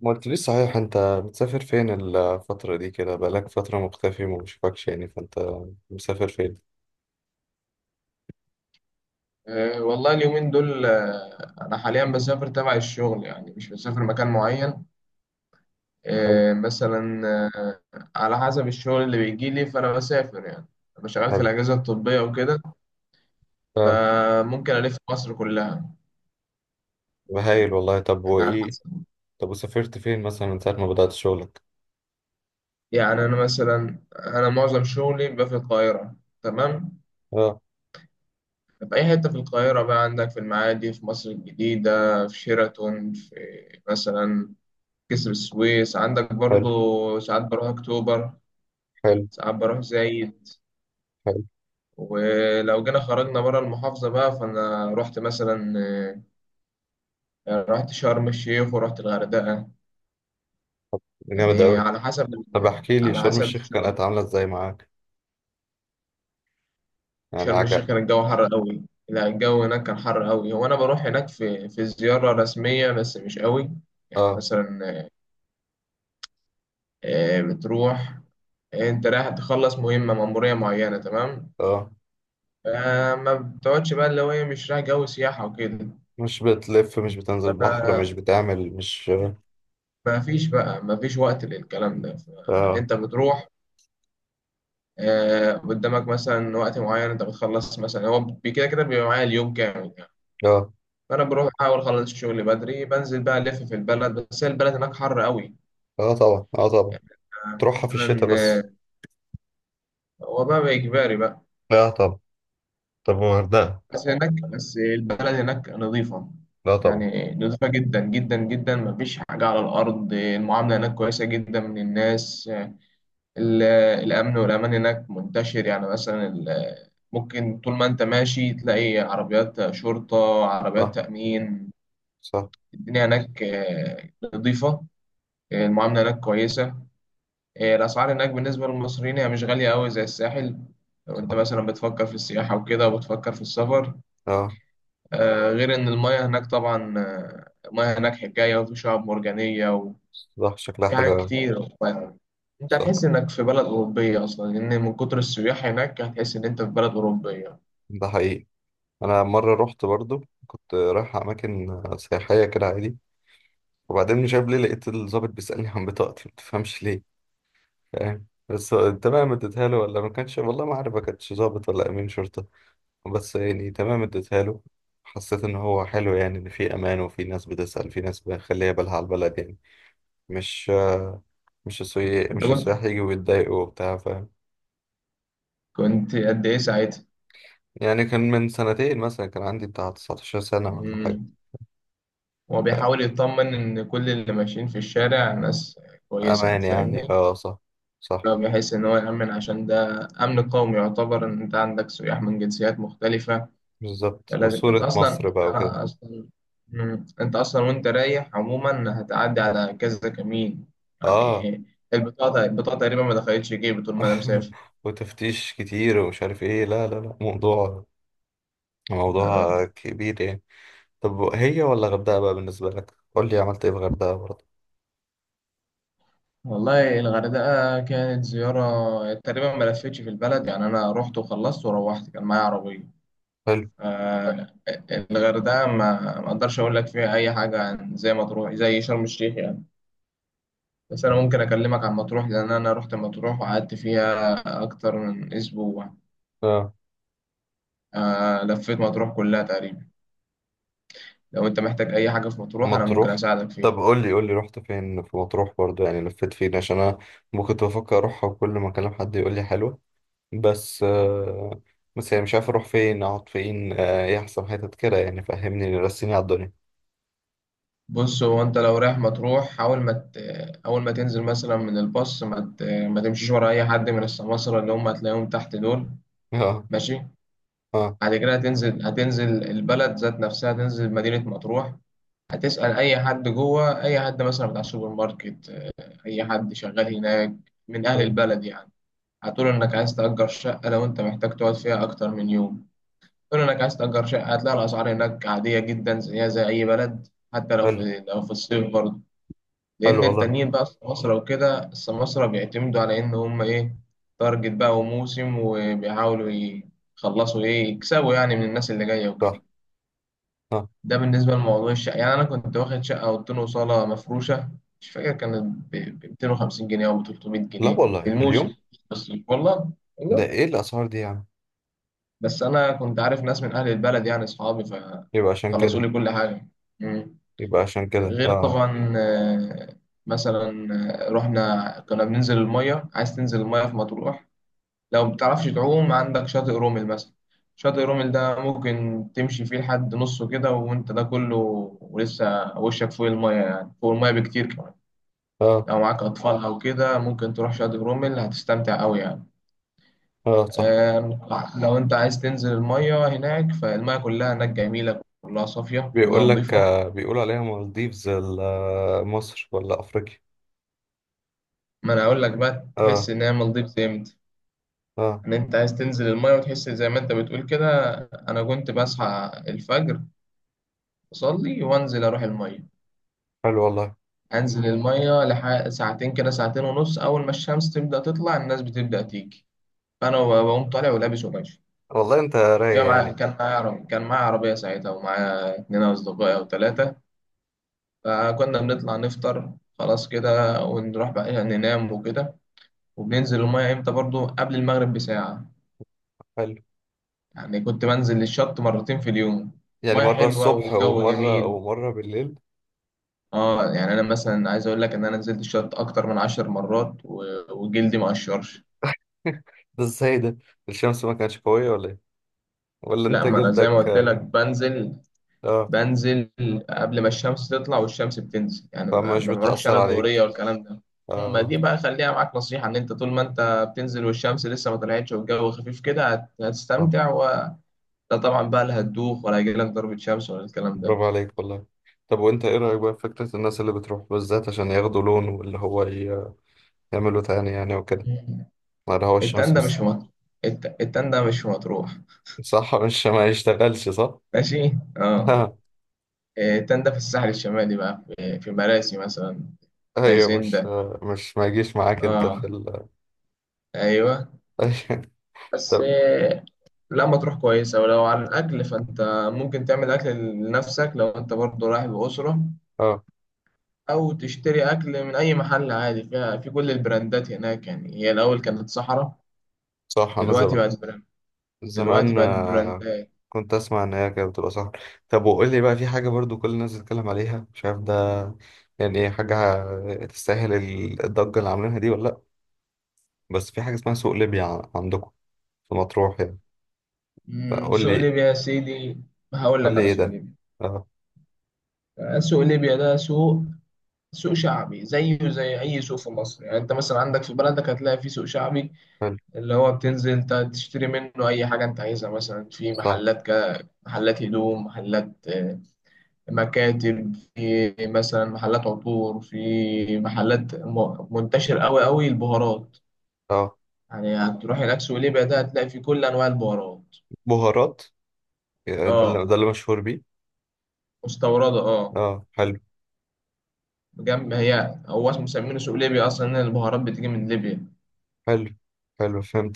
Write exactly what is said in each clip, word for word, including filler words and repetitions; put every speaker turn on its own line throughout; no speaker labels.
ما قلتليش صحيح، انت بتسافر فين الفترة دي؟ كده بقالك فترة مختفي وما بشوفكش يعني، فانت مسافر فين؟
أه، والله اليومين دول، أه أنا حاليا بسافر تبع الشغل، يعني مش بسافر مكان معين.
حلو.
أه، مثلا. أه، على حسب الشغل اللي بيجي لي، فأنا بسافر يعني. أنا شغال في
حلو.
الأجهزة الطبية وكده.
اه.
فممكن ألف مصر كلها.
طب هايل والله. طب
يعني على
وايه؟
حسب.
طب وسافرت فين مثلا من ساعة ما بدأت شغلك؟
يعني أنا مثلا أنا معظم شغلي بيبقى في القاهرة. تمام.
اه.
في أي حتة في القاهرة، بقى عندك في المعادي، في مصر الجديدة، في شيراتون، في مثلا كسر السويس عندك
حلو.
برضو. ساعات بروح أكتوبر،
حلو.
ساعات بروح زايد.
حلو.
ولو جينا خرجنا بره المحافظة بقى، فأنا رحت مثلا آه، رحت شرم الشيخ ورحت الغردقة،
جامد
يعني
اوي.
على حسب.
طب احكي لي،
على
شرم
حسب
الشيخ
الشغل.
كانت عاملة ازاي معاك؟ يعني
شرم
عجب؟
الشيخ كان الجو حر قوي. لا، الجو هناك كان حر قوي. هو أنا بروح هناك في في زيارة رسمية، بس مش قوي يعني،
اه.
مثلا آه، بتروح. انت رايح تخلص مهمة، مأمورية معينة، تمام.
اه.
فما بتقعدش بقى، اللي هو ايه، مش رايح جو سياحة وكده.
مش بتلف، مش بتنزل بحر، مش بتعمل، مش اه.
ما فيش بقى ما فيش وقت للكلام ده.
اه.
فانت بتروح. آه، قدامك مثلا وقت معين، انت بتخلص مثلا، هو بي- كده كده بيبقى معايا اليوم كامل يعني.
اه.
فانا بروح احاول اخلص شغلي بدري، بنزل بقى الف في البلد، بس هي البلد هناك حر قوي
آه طبعا. اه طبعا.
يعني. آه،
تروحها في الشتاء
مثلا
بس.
آه، هو بقى اجباري بقى.
لا طبعا. طب والغردقة؟
بس هناك بس البلد هناك نظيفه،
لا طبعا.
يعني نظيفه جدا جدا جدا. ما فيش حاجه على الارض. المعامله هناك كويسه جدا من الناس. ال- الأمن والأمان هناك منتشر. يعني مثلا ال- ممكن طول ما أنت ماشي تلاقي عربيات شرطة، عربيات
صح.
تأمين.
صح.
الدنيا هناك آه، نظيفة. آه، المعاملة هناك كويسة. آه، الأسعار هناك بالنسبة للمصريين هي مش غالية أوي زي الساحل، لو أنت
صح
مثلا بتفكر في السياحة وكده وبتفكر في السفر.
اه
آه، غير إن المياه هناك طبعا، آه، المياه هناك حكاية، وفي شعاب مرجانية.
صح، شكلها
في
حلو
حاجات
أوي.
كتير ف- انت
صح.
هتحس انك في بلد اوروبيه اصلا، لان من كتر السياح هناك هتحس ان انت في بلد اوروبيه.
ده حقيقي. أنا مرة رحت برضو، كنت رايح أماكن سياحية كده عادي، وبعدين مش عارف ليه لقيت الضابط بيسألني عن بطاقتي، متفهمش ليه، فاهم؟ بس تمام اديتها له، ولا ما كانش، والله ما عارف، ما كانش ضابط ولا أمين شرطة، بس يعني تمام اديتها له. حسيت إن هو حلو يعني، إن في أمان وفي ناس بتسأل، في ناس مخلية بالها على البلد يعني. مش مش السياح
انت
مش
كنت
السياح يجوا ويتضايقوا وبتاع، فاهم؟
كنت قد ايه ساعتها؟
يعني كان من سنتين مثلا، كان عندي بتاع تسعة عشر سنة ولا حاجة.
مم. هو بيحاول يطمن ان كل اللي ماشيين في الشارع ناس كويسه،
أمان يعني،
فاهمني؟
اه صح. صح.
فبيحس ان هو يامن، عشان ده امن قومي، يعتبر ان انت عندك سياح من جنسيات مختلفه.
بالظبط،
لازم انت
وصورة
اصلا،
مصر بقى وكده.
انا اصلا. مم. انت اصلا وانت رايح عموما هتعدي على كذا كمين
اه.
يعني. البطاقه البطاقه تقريبا ما دخلتش جيبي طول ما انا مسافر.
وتفتيش كتير ومش عارف ايه، لا لا لا، موضوع موضوع
آه.
كبير يعني. طب هي ولا غردقة بقى بالنسبة لك، قول لي، عملت ايه في غردقة برضه؟
والله الغردقه كانت زياره تقريبا، ما لفتش في البلد يعني. انا رحت وخلصت وروحت، كان معايا عربيه.
حلو.
آه. الغردقه ما ما اقدرش اقول لك فيها اي حاجه، عن زي مطروح، زي شرم الشيخ يعني. بس انا ممكن اكلمك عن مطروح، لان انا رحت مطروح وقعدت فيها اكتر من اسبوع.
اه.
آه، لفيت مطروح كلها تقريبا. لو انت محتاج اي حاجه في مطروح، انا ممكن
مطروح.
اساعدك
طب
فيها.
قول لي قول لي رحت فين في مطروح برضه يعني، لفيت فين؟ عشان انا ممكن كنت بفكر اروحها، وكل ما اكلم حد يقول لي حلوة. بس آه، بس يعني مش عارف اروح فين اقعد فين، آه، ايه احسن حتت كده يعني، فهمني رسيني على الدنيا.
بص، هو انت لو رايح مطروح حاول ما ت... اول ما تنزل مثلا من الباص، ما, ت... ما تمشيش ورا اي حد من السماسرة اللي هم هتلاقيهم تحت دول.
اه.
ماشي.
اه.
بعد كده هتنزل هتنزل البلد ذات نفسها، هتنزل مدينه مطروح. هتسأل اي حد جوه، اي حد مثلا بتاع السوبر ماركت، اي حد شغال هناك من اهل
آه.
البلد يعني. هتقول انك عايز تأجر شقه، لو انت محتاج تقعد فيها اكتر من يوم. قول انك عايز تأجر شقة، هتلاقي الأسعار هناك عادية جدا، زيها زي أي بلد، حتى لو
حلو.
في لو في الصيف برضه.
حلو
لأن
والله.
التانيين بقى السماسرة وكده، السماسرة بيعتمدوا على إن هم إيه، تارجت بقى وموسم، وبيحاولوا يخلصوا إيه، يكسبوا يعني من الناس اللي جاية وكده.
صح. اه.
ده بالنسبة لموضوع الشقة. يعني أنا كنت واخد شقة أوضتين وصالة مفروشة، مش فاكر كانت ب ب مئتين وخمسين جنيه أو ب 300
لا
جنيه في
والله في
الموسم.
اليوم!
بس والله،
ده ايه الاسعار دي يعني؟
بس انا كنت عارف ناس من اهل البلد يعني، اصحابي،
يبقى عشان
فخلصوا
كده.
لي كل حاجه. مم.
يبقى عشان كده،
غير
اه.
طبعا آه، مثلا آه، رحنا كنا بننزل الميه. عايز تنزل الميه في مطروح؟ لو ما بتعرفش تعوم، عندك شاطئ رومل مثلا. شاطئ رومل ده ممكن تمشي فيه لحد نصه كده وانت ده كله، ولسه وشك فوق الميه، يعني فوق الميه بكتير كمان.
اه.
لو معاك اطفال او كده ممكن تروح شاطئ رومل، هتستمتع قوي يعني.
اه. صح.
آم، لو انت عايز تنزل المية هناك، فالمية كلها هناك جميلة، كلها صافية، كلها
بيقول لك،
نظيفة.
آه، بيقول عليها مالديفز، ال- آه، مصر ولا افريقيا؟
ما انا اقول لك بقى،
اه.
تحس ان هي نظيفة امتى؟
اه.
ان انت عايز تنزل المية وتحس زي ما انت بتقول كده. انا كنت بصحى الفجر، اصلي وانزل اروح المية.
حلو والله.
انزل المية لح... ساعتين كده، ساعتين ونص، اول ما الشمس تبدأ تطلع الناس بتبدأ تيجي، فانا بقوم طالع ولابس وماشي.
والله انت
كان
رايق
معايا
يعني.
كان معايا عربية كان معايا عربية ساعتها، ومعايا اتنين أصدقائي أو تلاتة. فكنا بنطلع نفطر، خلاص كده، ونروح بقى يعني ننام وكده. وبننزل المية امتى؟ برضو قبل المغرب بساعة.
حلو.
يعني كنت بنزل للشط مرتين في اليوم.
يعني
مية
مرة
حلوة
الصبح
والجو
ومرة
جميل.
ومرة بالليل.
اه، يعني انا مثلا عايز اقول لك ان انا نزلت الشط اكتر من عشر مرات و- وجلدي ما قشرش.
ده ازاي ده؟ الشمس ما كانتش قوية ولا ايه؟ ولا
لا،
انت
ما انا زي ما
جلدك؟
قلت لك بنزل
اه.
بنزل قبل ما الشمس تطلع والشمس بتنزل، يعني ما
فمش
ما بروحش انا
بتأثر عليك.
الدورية والكلام ده. ما
اه.
دي بقى خليها معاك نصيحة، ان انت طول ما انت بتنزل والشمس لسه ما طلعتش والجو خفيف كده هت-
اه.
هتستمتع، وده طبعا بقى لا هتدوخ ولا هيجيلك ضربة شمس ولا الكلام ده.
برافو عليك والله. طب، وانت ايه رأيك بقى في فكرة الناس اللي بتروح بالذات عشان ياخدوا لون، واللي هو ي- يعملوا تاني يعني وكده، ولا هو الشمس
التندة مش
بس؟
في مطروح. الت- التندة مش في مطروح،
صح، مش ما يشتغلش؟ صح.
ماشي، اه. إيه، التندة في الساحل الشمالي بقى، في في مراسي مثلا،
ايوه. مش
هيسندا.
مش ما يجيش معاك انت في
اه،
ال
ايوه، بس
طب.
آه، لما تروح كويسة. ولو عن الأكل فأنت ممكن تعمل أكل لنفسك لو أنت برضه رايح بأسرة،
اه
أو تشتري أكل من أي محل عادي، فيها في كل البراندات هناك. يعني هي الأول كانت صحراء،
صح. انا
دلوقتي
زمان،
بقت براند، دلوقتي
زمان
بقت
آه،
براندات.
كنت اسمع ان هي كانت بتبقى، صح. طب وقول لي بقى، في حاجه برضو كل الناس بتتكلم عليها مش عارف ده يعني ايه، حاجه تستاهل ال- الضجه اللي عاملينها دي ولا لا؟ بس في حاجه اسمها سوق ليبيا ع- عندكم في مطروح يعني،
أمم،
فقول
سوق
لي،
ليبيا يا سيدي. هقول
قول
لك
لي
على
ايه
سوق
ده؟
ليبيا.
اه.
آه، سوق ليبيا ده سوق، سوق شعبي زيه زي أي سوق في مصر. يعني أنت مثلا عندك في بلدك هتلاقي فيه سوق شعبي،
حلو.
اللي هو بتنزل ت- تشتري منه أي حاجة أنت عايزها. مثلا في
صح.
محلات، محلات هدوم، محلات آه، مكاتب، في مثلا محلات عطور، في محلات م- منتشر أوي أوي البهارات.
اه
يعني هتروح هناك سوق ليبيا، ده هتلاقي في كل أنواع البهارات.
بهارات. آه، ده اللي
اه،
ده اللي مشهور بيه.
مستوردة، اه.
اه. حلو.
جنب، هي هو اسمه مسمينه سوق ليبيا أصلا إن البهارات بتيجي من ليبيا.
حلو. حلو فهمت.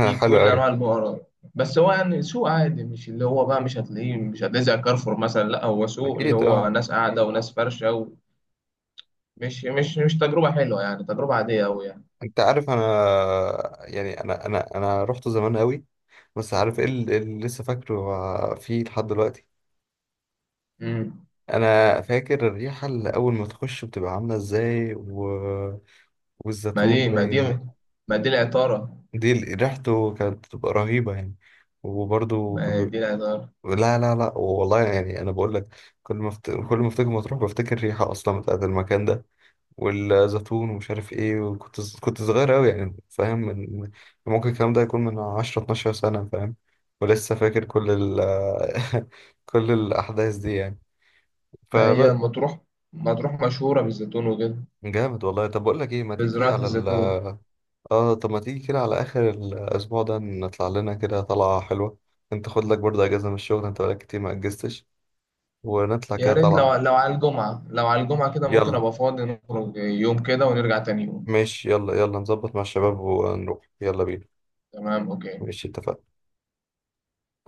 في
حلو
كل
قوي.
أنواع البهارات. بس هو يعني سوق عادي، مش اللي هو بقى، مش هتلاقيه مش هتلاقيه زي كارفور مثلا. لا، هو سوق اللي
اكيد
هو
اه.
ناس قاعدة وناس فرشة، ومش مش مش تجربة حلوة يعني، تجربة عادية أوي يعني.
انت عارف انا، يعني انا انا انا رحت زمان قوي. بس عارف ايه اللي اللي لسه فاكره فيه لحد دلوقتي؟
مم.
انا فاكر الريحه اللي اول ما تخش بتبقى عامله ازاي و...
ما
والزيتون
دي ما دي
باين.
ما دي العطارة.
دي ال- ريحته كانت بتبقى رهيبه يعني. وبرده كان
ما دي
بيبقى.
العطارة
لا لا لا والله، يعني انا بقول لك. كل ما افت... كل ما افتكر مطروح بفتكر الريحه اصلا بتاعت المكان ده، والزيتون ومش عارف ايه. وكنت كنت صغير أوي يعني، فاهم؟ من ممكن الكلام ده يكون من عشر اثنا عشر سنة، فاهم؟ ولسه فاكر كل ال كل الأحداث دي يعني،
ما هي
فبس.
مطروح، مطروح مشهورة بالزيتون وكده،
جامد والله. طب بقول لك ايه، ما تيجي
بزراعة
على ال،
الزيتون.
اه طب ما تيجي كده على آخر الأسبوع ده، نطلع لنا كده طلعة حلوة. انت خد لك برضه أجازة من الشغل، انت بقالك كتير ما أجزتش، ونطلع
يا
كده
ريت لو
طلعة.
لو على الجمعة لو على الجمعة كده ممكن
يلا.
أبقى فاضي، نخرج يوم كده ونرجع تاني يوم.
ماشي، يلا يلا نظبط مع الشباب ونروح. يلا بينا.
تمام، أوكي.
ماشي اتفقنا.